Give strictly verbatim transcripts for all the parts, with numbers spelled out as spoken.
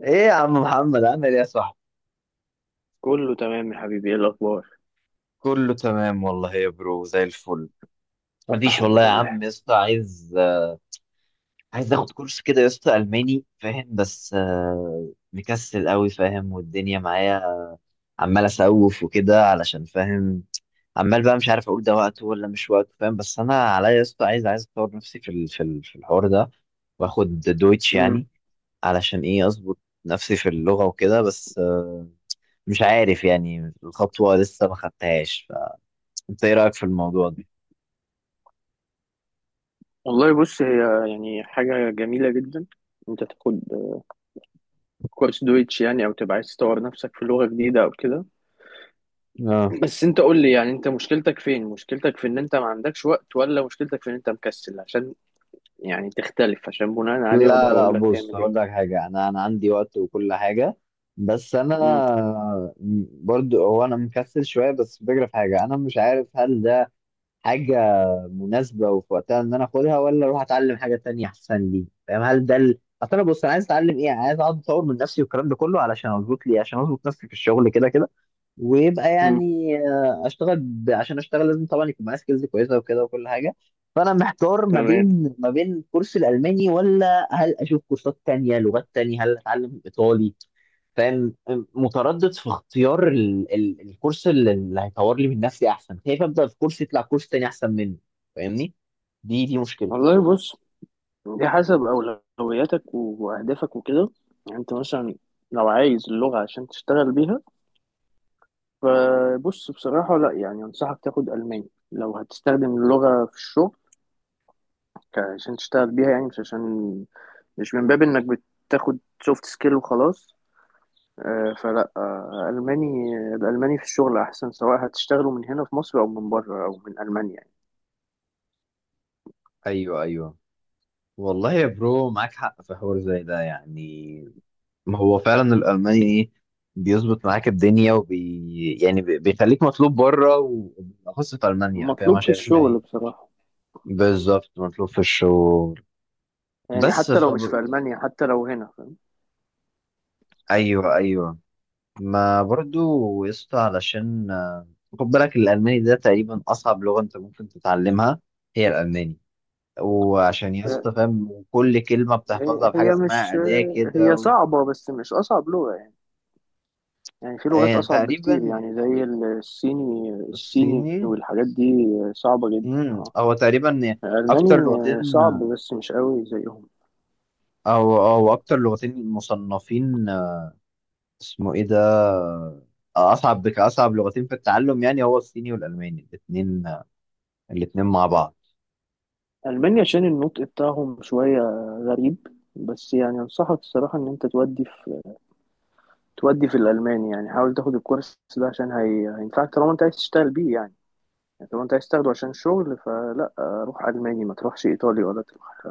ايه يا عم محمد، عامل ايه يا صاحبي؟ كله تمام يا حبيبي، ايه الاخبار؟ كله تمام والله يا برو، زي الفل. مفيش والله الحمد يا لله. عم يا اسطى. عايز عايز اخد كورس كده يا اسطى، الماني، فاهم؟ بس آه، مكسل قوي، فاهم؟ والدنيا معايا، عمال اسوف وكده، علشان فاهم. عمال بقى مش عارف اقول ده وقته ولا مش وقته، فاهم؟ بس انا عليا يا اسطى، عايز عايز اطور نفسي في ال- في ال- في الحوار ده، واخد دويتش امم. يعني. علشان ايه؟ اظبط نفسي في اللغة وكده. بس آه، مش عارف يعني، الخطوة لسه ما خدتهاش. انت ايه رايك في الموضوع ده؟ والله، بص. هي يعني حاجه جميله جدا انت تاخد كورس دويتش، يعني او تبقى عايز تطور نفسك في لغه جديده او كده. اه. بس انت قول لي، يعني انت مشكلتك فين؟ مشكلتك في ان انت ما عندكش وقت ولا مشكلتك في ان انت مكسل؟ عشان يعني تختلف، عشان بناء عليه اقدر لا، لا، اقول لك بص تعمل ايه. هقول لك حاجه، انا انا عندي وقت وكل حاجه. بس انا، امم، برضو هو انا مكسل شويه، بس الفكره في حاجه، انا مش عارف هل ده حاجه مناسبه وفي وقتها ان انا اخدها، ولا اروح اتعلم حاجه تانية احسن لي، فاهم؟ هل ده ال... اصل انا، بص، انا عايز اتعلم ايه؟ عايز اقعد اطور من نفسي والكلام ده كله، علشان اظبط لي، عشان اظبط نفسي في الشغل كده كده، ويبقى امم. يعني آه، اشتغل ب... عشان اشتغل لازم طبعا يكون معايا سكيلز كويسه وكده وكل حاجه. فانا محتار ما تمام. بين ما بين كورس الالماني، ولا هل اشوف كورسات تانية لغات تانية، هل اتعلم الايطالي؟ فاهم؟ متردد في اختيار ال... ال... الكورس اللي اللي هيطور لي من نفسي احسن، خايف ابدا في كورس يطلع كورس تاني احسن منه. فاهمني؟ دي دي مشكلتي. والله، بص، دي حسب اولوياتك واهدافك وكده. يعني انت مثلا لو عايز اللغه عشان تشتغل بيها، فبص، بصراحة لا، يعني أنصحك تاخد ألماني لو هتستخدم اللغة في الشغل، ك- عشان تشتغل بيها، يعني مش عشان، مش من باب إنك بتاخد سوفت سكيل وخلاص. آه، فلا، آه، ألماني الألماني في الشغل أحسن، سواء هتشتغلوا من هنا في مصر أو من بره أو من ألمانيا، يعني ايوه، ايوه، والله يا برو معاك حق في حوار زي ده يعني. ما هو فعلا الألماني إيه، بيظبط معاك الدنيا وبي يعني بي- بيخليك مطلوب بره وبالأخص في ألمانيا، فاهم؟ مطلوب في عشان إحنا الشغل إيه. بصراحة. بالظبط، مطلوب في الشغل. يعني بس حتى لو مش في فب... ألمانيا، حتى لو هنا، فاهم. أيوه، أيوه، ما برضو يسطا، علشان آه، خد بالك، الألماني ده تقريبا أصعب لغة أنت ممكن تتعلمها. هي الألماني، وعشان يسطا فاهم، كل كلمة هي بتحفظها بحاجة هي اسمها مش أداة كده هي و... صعبة بس مش أصعب لغة يعني. يعني في لغات آه، أصعب بكتير، تقريبا. يعني زي الصيني الصيني الصيني. والحاجات دي، صعبة جدا امم اه. هو تقريبا اكتر ألماني لغتين، صعب بس مش قوي زيهم. او او اكتر لغتين مصنفين، آه، اسمه ايه ده، آه، اصعب كاصعب لغتين في التعلم، يعني هو الصيني والالماني الاثنين، الاثنين مع بعض. ألمانيا عشان النطق بتاعهم شوية غريب. بس يعني أنصحك الصراحة إن أنت تودي في تودي في الألماني، يعني حاول تاخد الكورس ده عشان هي... هينفعك، طالما أنت عايز تشتغل بيه يعني. يعني طالما أنت عايز تاخده عشان شغل، فلا، روح ألماني، ما تروحش إيطالي ولا تروح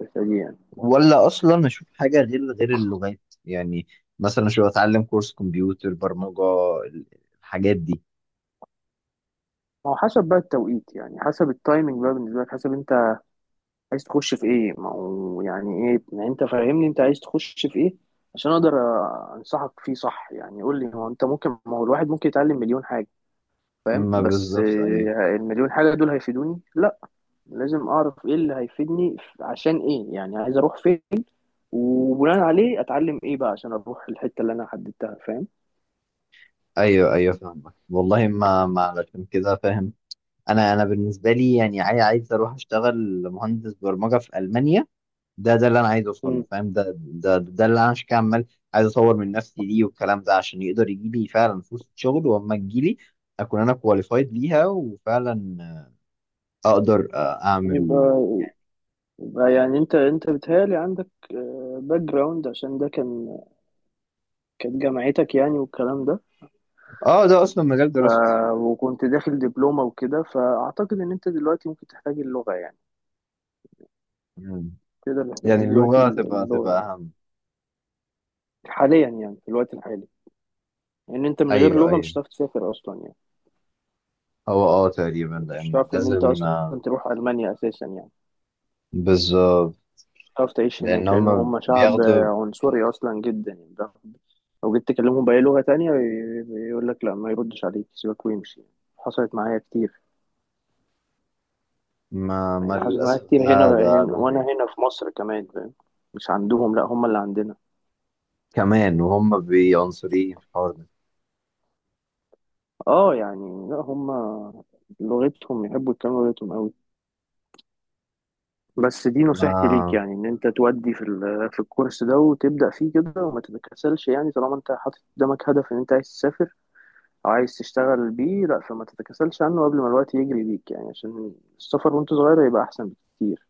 الحتة دي يعني. ولا اصلا اشوف حاجه غير غير اللغات يعني؟ مثلا شو اتعلم كورس كمبيوتر برمجه، ال- الحاجات دي. هو حسب بقى التوقيت، يعني حسب التايمنج بقى بالنسبة لك، حسب أنت عايز تخش في ايه. ما هو يعني ايه يعني، انت فاهمني، انت عايز تخش في ايه عشان اقدر أ- انصحك فيه صح يعني. قول لي، هو انت ممكن ما هو الواحد ممكن يتعلم مليون حاجة، فاهم، ما بس بالظبط، ايوه آه، المليون حاجة دول هيفيدوني؟ لا. لازم اعرف ايه اللي هيفيدني، ف- عشان ايه، يعني عايز اروح فين، وبناء عليه اتعلم ايه بقى عشان اروح الحتة اللي انا حددتها، فاهم. ايوه ايوه، فاهمك والله، ما ما علشان كده فاهم. انا انا بالنسبه لي يعني عاي- عايز اروح اشتغل مهندس برمجه في المانيا، ده ده اللي انا عايز اوصل له، مم. فاهم؟ ده ده ده اللي انا عشان كده عمال عايز اطور من نفسي ليه والكلام ده، عشان يقدر يجي لي فعلا فرصه شغل، واما تجي لي اكون انا كواليفايد ليها وفعلا اقدر اعمل. يبقى يبقى يعني انت انت بتهيألي عندك باك جراوند، عشان ده كان كانت جامعتك، يعني والكلام ده، اه، ده اصلا مجال ف... دراستي. وكنت داخل دبلومة وكده، فأعتقد إن أنت دلوقتي ممكن تحتاج اللغة يعني. مم. تقدر تحتاج يعني دلوقتي اللغه تبقى اللغة، تبقى يعني اهم. حاليا يعني في الوقت الحالي. لأن يعني أنت من غير ايوه، لغة ايوه. مش هتعرف تسافر أصلا، يعني هو اه تقريبا، مش لان هتعرف إن أنت لازم أصلا آه، تروح ألمانيا أساسا، يعني بالظبط. مش هتعرف تعيش لان هناك، لأن هم هم شعب بياخدوا، عنصري أصلا جدا، يعني ده لو جيت تكلمهم بأي لغة تانية، ي- يقول لك لا، ما يردش عليك، سيبك ويمشي. حصلت معايا كتير. ما, ما يعني حصلت معايا للاسف كتير هنا, ده ده هنا ده وأنا حقيقة. هنا في مصر كمان، فاهم؟ مش عندهم، لا، هم اللي عندنا كمان، وهم بيعنصريين في الحوار ده. اه يعني. لا هم لغتهم، يحبوا يتكلموا لغتهم قوي. بس دي نصيحتي ليك، ما يعني ان انت تودي في ال- في الكورس ده وتبدا فيه كده وما تتكاسلش، يعني طالما انت حاطط قدامك هدف ان انت عايز تسافر او عايز تشتغل بيه، لا فما تتكاسلش عنه قبل ما الوقت يجري بيك، يعني عشان السفر وانت صغير هيبقى احسن بكتير.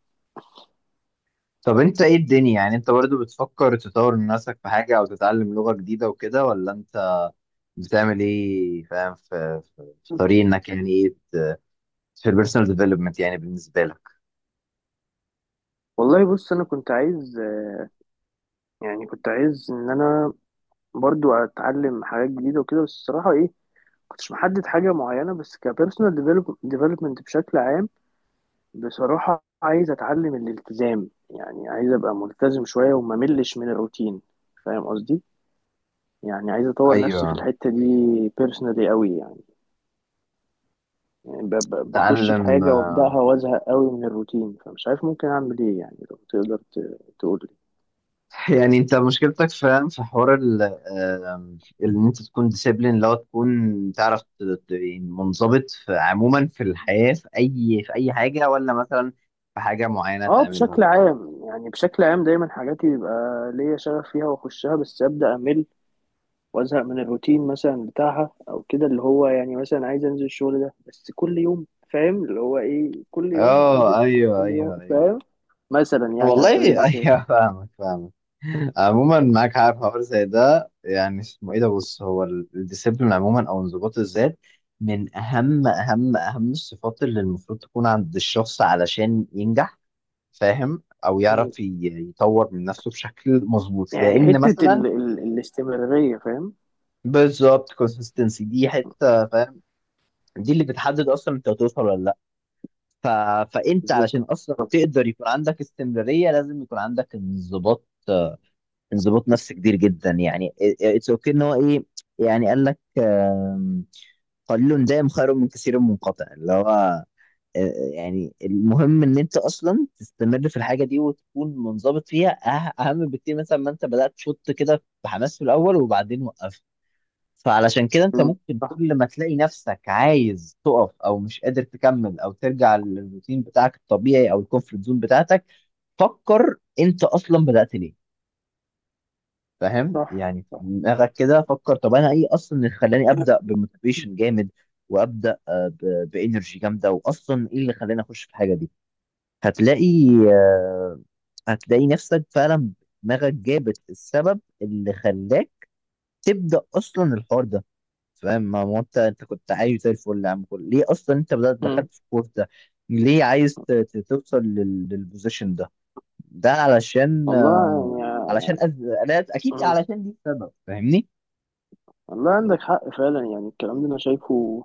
طب انت ايه الدنيا؟ يعني انت برضو بتفكر تطور من نفسك في حاجة او تتعلم لغة جديدة وكده، ولا انت بتعمل ايه؟ فاهم؟ في, في, في طريق انك يعني ايه، في البيرسونال ديفلوبمنت يعني بالنسبة لك. والله بص، انا كنت عايز، يعني كنت عايز ان انا برضو اتعلم حاجات جديده وكده، بس الصراحه ايه، كنتش محدد حاجه معينه، بس كبيرسونال ديفلوبمنت بشكل عام. بصراحة عايز أتعلم الالتزام، يعني عايز أبقى ملتزم شوية وما ملش من الروتين، فاهم قصدي؟ يعني عايز أطور نفسي في ايوه. الحتة دي بيرسونالي قوي، يعني, يعني ب- ب- بخش في تعلم. حاجة وأبدأها وأزهق قوي من الروتين، فمش عارف ممكن أعمل إيه يعني، لو تقدر ت- تقول لي. يعني انت مشكلتك فاهم؟ في حوار ال آم، ان انت تكون ديسيبلين، لو تكون تعرف ت- ت- يعني منضبط في عموما في الحياة، في اي في اي حاجة، ولا مثلا في حاجة معينة أه، تعملها. بشكل عام، يعني بشكل عام دايما حاجاتي بيبقى ليا شغف فيها وأخشها، بس أبدأ أمل وازهق من الروتين مثلا بتاعها او كده، اللي هو يعني مثلا عايز انزل الشغل ده بس كل يوم، فاهم، اللي هو ايه، كل يوم اه، هنزل ايوه، كل يوم، ايوه، ايوه، فاهم. مثلا يعني على والله سبيل المثال. ايوه، فاهمك فاهمك. عموما معاك حق في حوار زي ده يعني، اسمه ايه ده، بص هو ال- الديسيبلين عموما، او انضباط الذات، من اهم اهم اهم الصفات اللي المفروض تكون عند الشخص علشان ينجح. فاهم؟ او مم. يعرف ي- يطور من نفسه بشكل مظبوط، يعني لان حتة مثلا ال ال الاستمرارية، فاهم. بالظبط، consistency دي حته، فاهم؟ دي اللي بتحدد اصلا انت هتوصل ولا لا. ف... فانت بالظبط. علشان اصلا تقدر يكون عندك استمراريه لازم يكون عندك انضباط. انضباط نفسي كبير جدا يعني. اتس اوكي ان هو ايه، يعني قال لك آم، قليل دائم خير من كثير منقطع، اللي هو آه، يعني، المهم ان انت اصلا تستمر في الحاجه دي وتكون منضبط فيها، أه- اهم بكتير مثلا ما انت بدات تشط كده بحماس في الاول وبعدين وقفت. فعلشان كده انت مم. ممكن صح، كل ما تلاقي نفسك عايز تقف، او مش قادر تكمل، او ترجع للروتين بتاعك الطبيعي او الكومفورت زون بتاعتك، فكر انت اصلا بدات ليه. فاهم؟ صح، يعني في صح. دماغك كده فكر، طب انا ايه اصلا اللي خلاني ابدا بموتيفيشن جامد، وابدا آه، ب- بانرجي جامده، واصلا ايه اللي خلاني اخش في الحاجه دي. هتلاقي آه، هتلاقي نفسك فعلا دماغك جابت السبب اللي خلاك تبدا اصلا الحوار ده. فاهم؟ ما هو انت انت كنت عايز زي الفل يا عم. كل ليه اصلا انت بدات مم. دخلت في الكورس ده؟ ليه عايز ت- ت- توصل لل- للبوزيشن ده، ده علشان والله آه، يعني. علشان أز... لا، اكيد مم. علشان دي السبب، فاهمني؟ والله عندك حق فعلا، يعني الكلام ده انا شايفه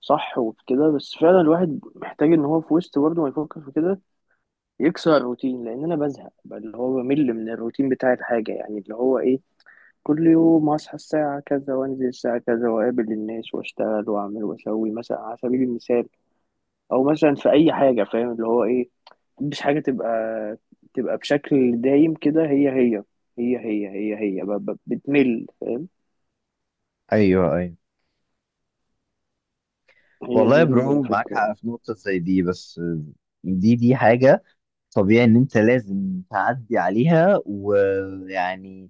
صح وكده، بس فعلا الواحد محتاج ان هو في وسط برضه ما يفكر في كده، يكسر الروتين، لان انا بزهق بقى، اللي هو بمل من الروتين بتاع الحاجه، يعني اللي هو ايه، كل يوم اصحى الساعه كذا وانزل الساعه كذا واقابل الناس واشتغل واعمل واسوي، مثلا على سبيل المثال، او مثلا في اي حاجه، فاهم، اللي هو ايه، مش حاجه تبقى تبقى بشكل دايم كده، هي هي هي هي هي هي ب- ب- بتمل، فاهم. ايوه، ايوه، هي والله دي يا برو معاك الفكره حق يعني. في نقطة زي دي، بس دي دي حاجة طبيعي ان انت لازم تعدي عليها، ويعني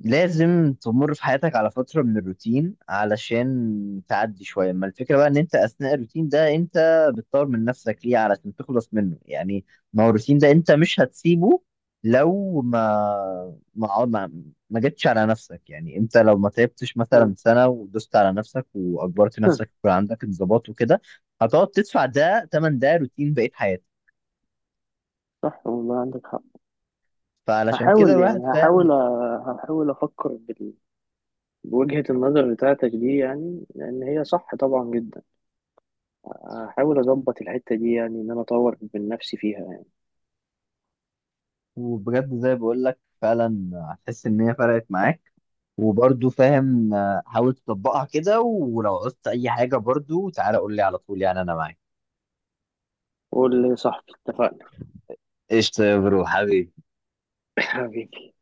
لازم تمر في حياتك على فترة من الروتين علشان تعدي شوية. ما الفكرة بقى ان انت اثناء الروتين ده، انت بتطور من نفسك ليه؟ علشان تخلص منه يعني. ما هو الروتين ده انت مش هتسيبه لو ما ما ما, ما جتش على نفسك يعني. انت لو ما تعبتش مم. مثلا سنة ودوست على نفسك واجبرت نفسك يكون عندك انضباط وكده، هتقعد تدفع ده تمن، ده روتين بقية حياتك. صح، والله عندك حق. فعلشان كده هحاول الواحد يعني هحاول فاهم. أ- هحاول افكر بوجهة النظر بتاعتك دي، يعني لأن هي صح طبعا جدا. هحاول أظبط الحتة دي، يعني إن أنا أطور من نفسي فيها يعني. وبجد زي بقول لك، فعلا هتحس ان هي فرقت معاك. وبرضو فاهم، آه، حاول تطبقها كده، ولو عوزت اي حاجه برضو تعالى قول لي على طول، يعني انا معاك. قول لي يا صاحبي، اتفقنا. قشطه يا برو حبيبي. حبيبي.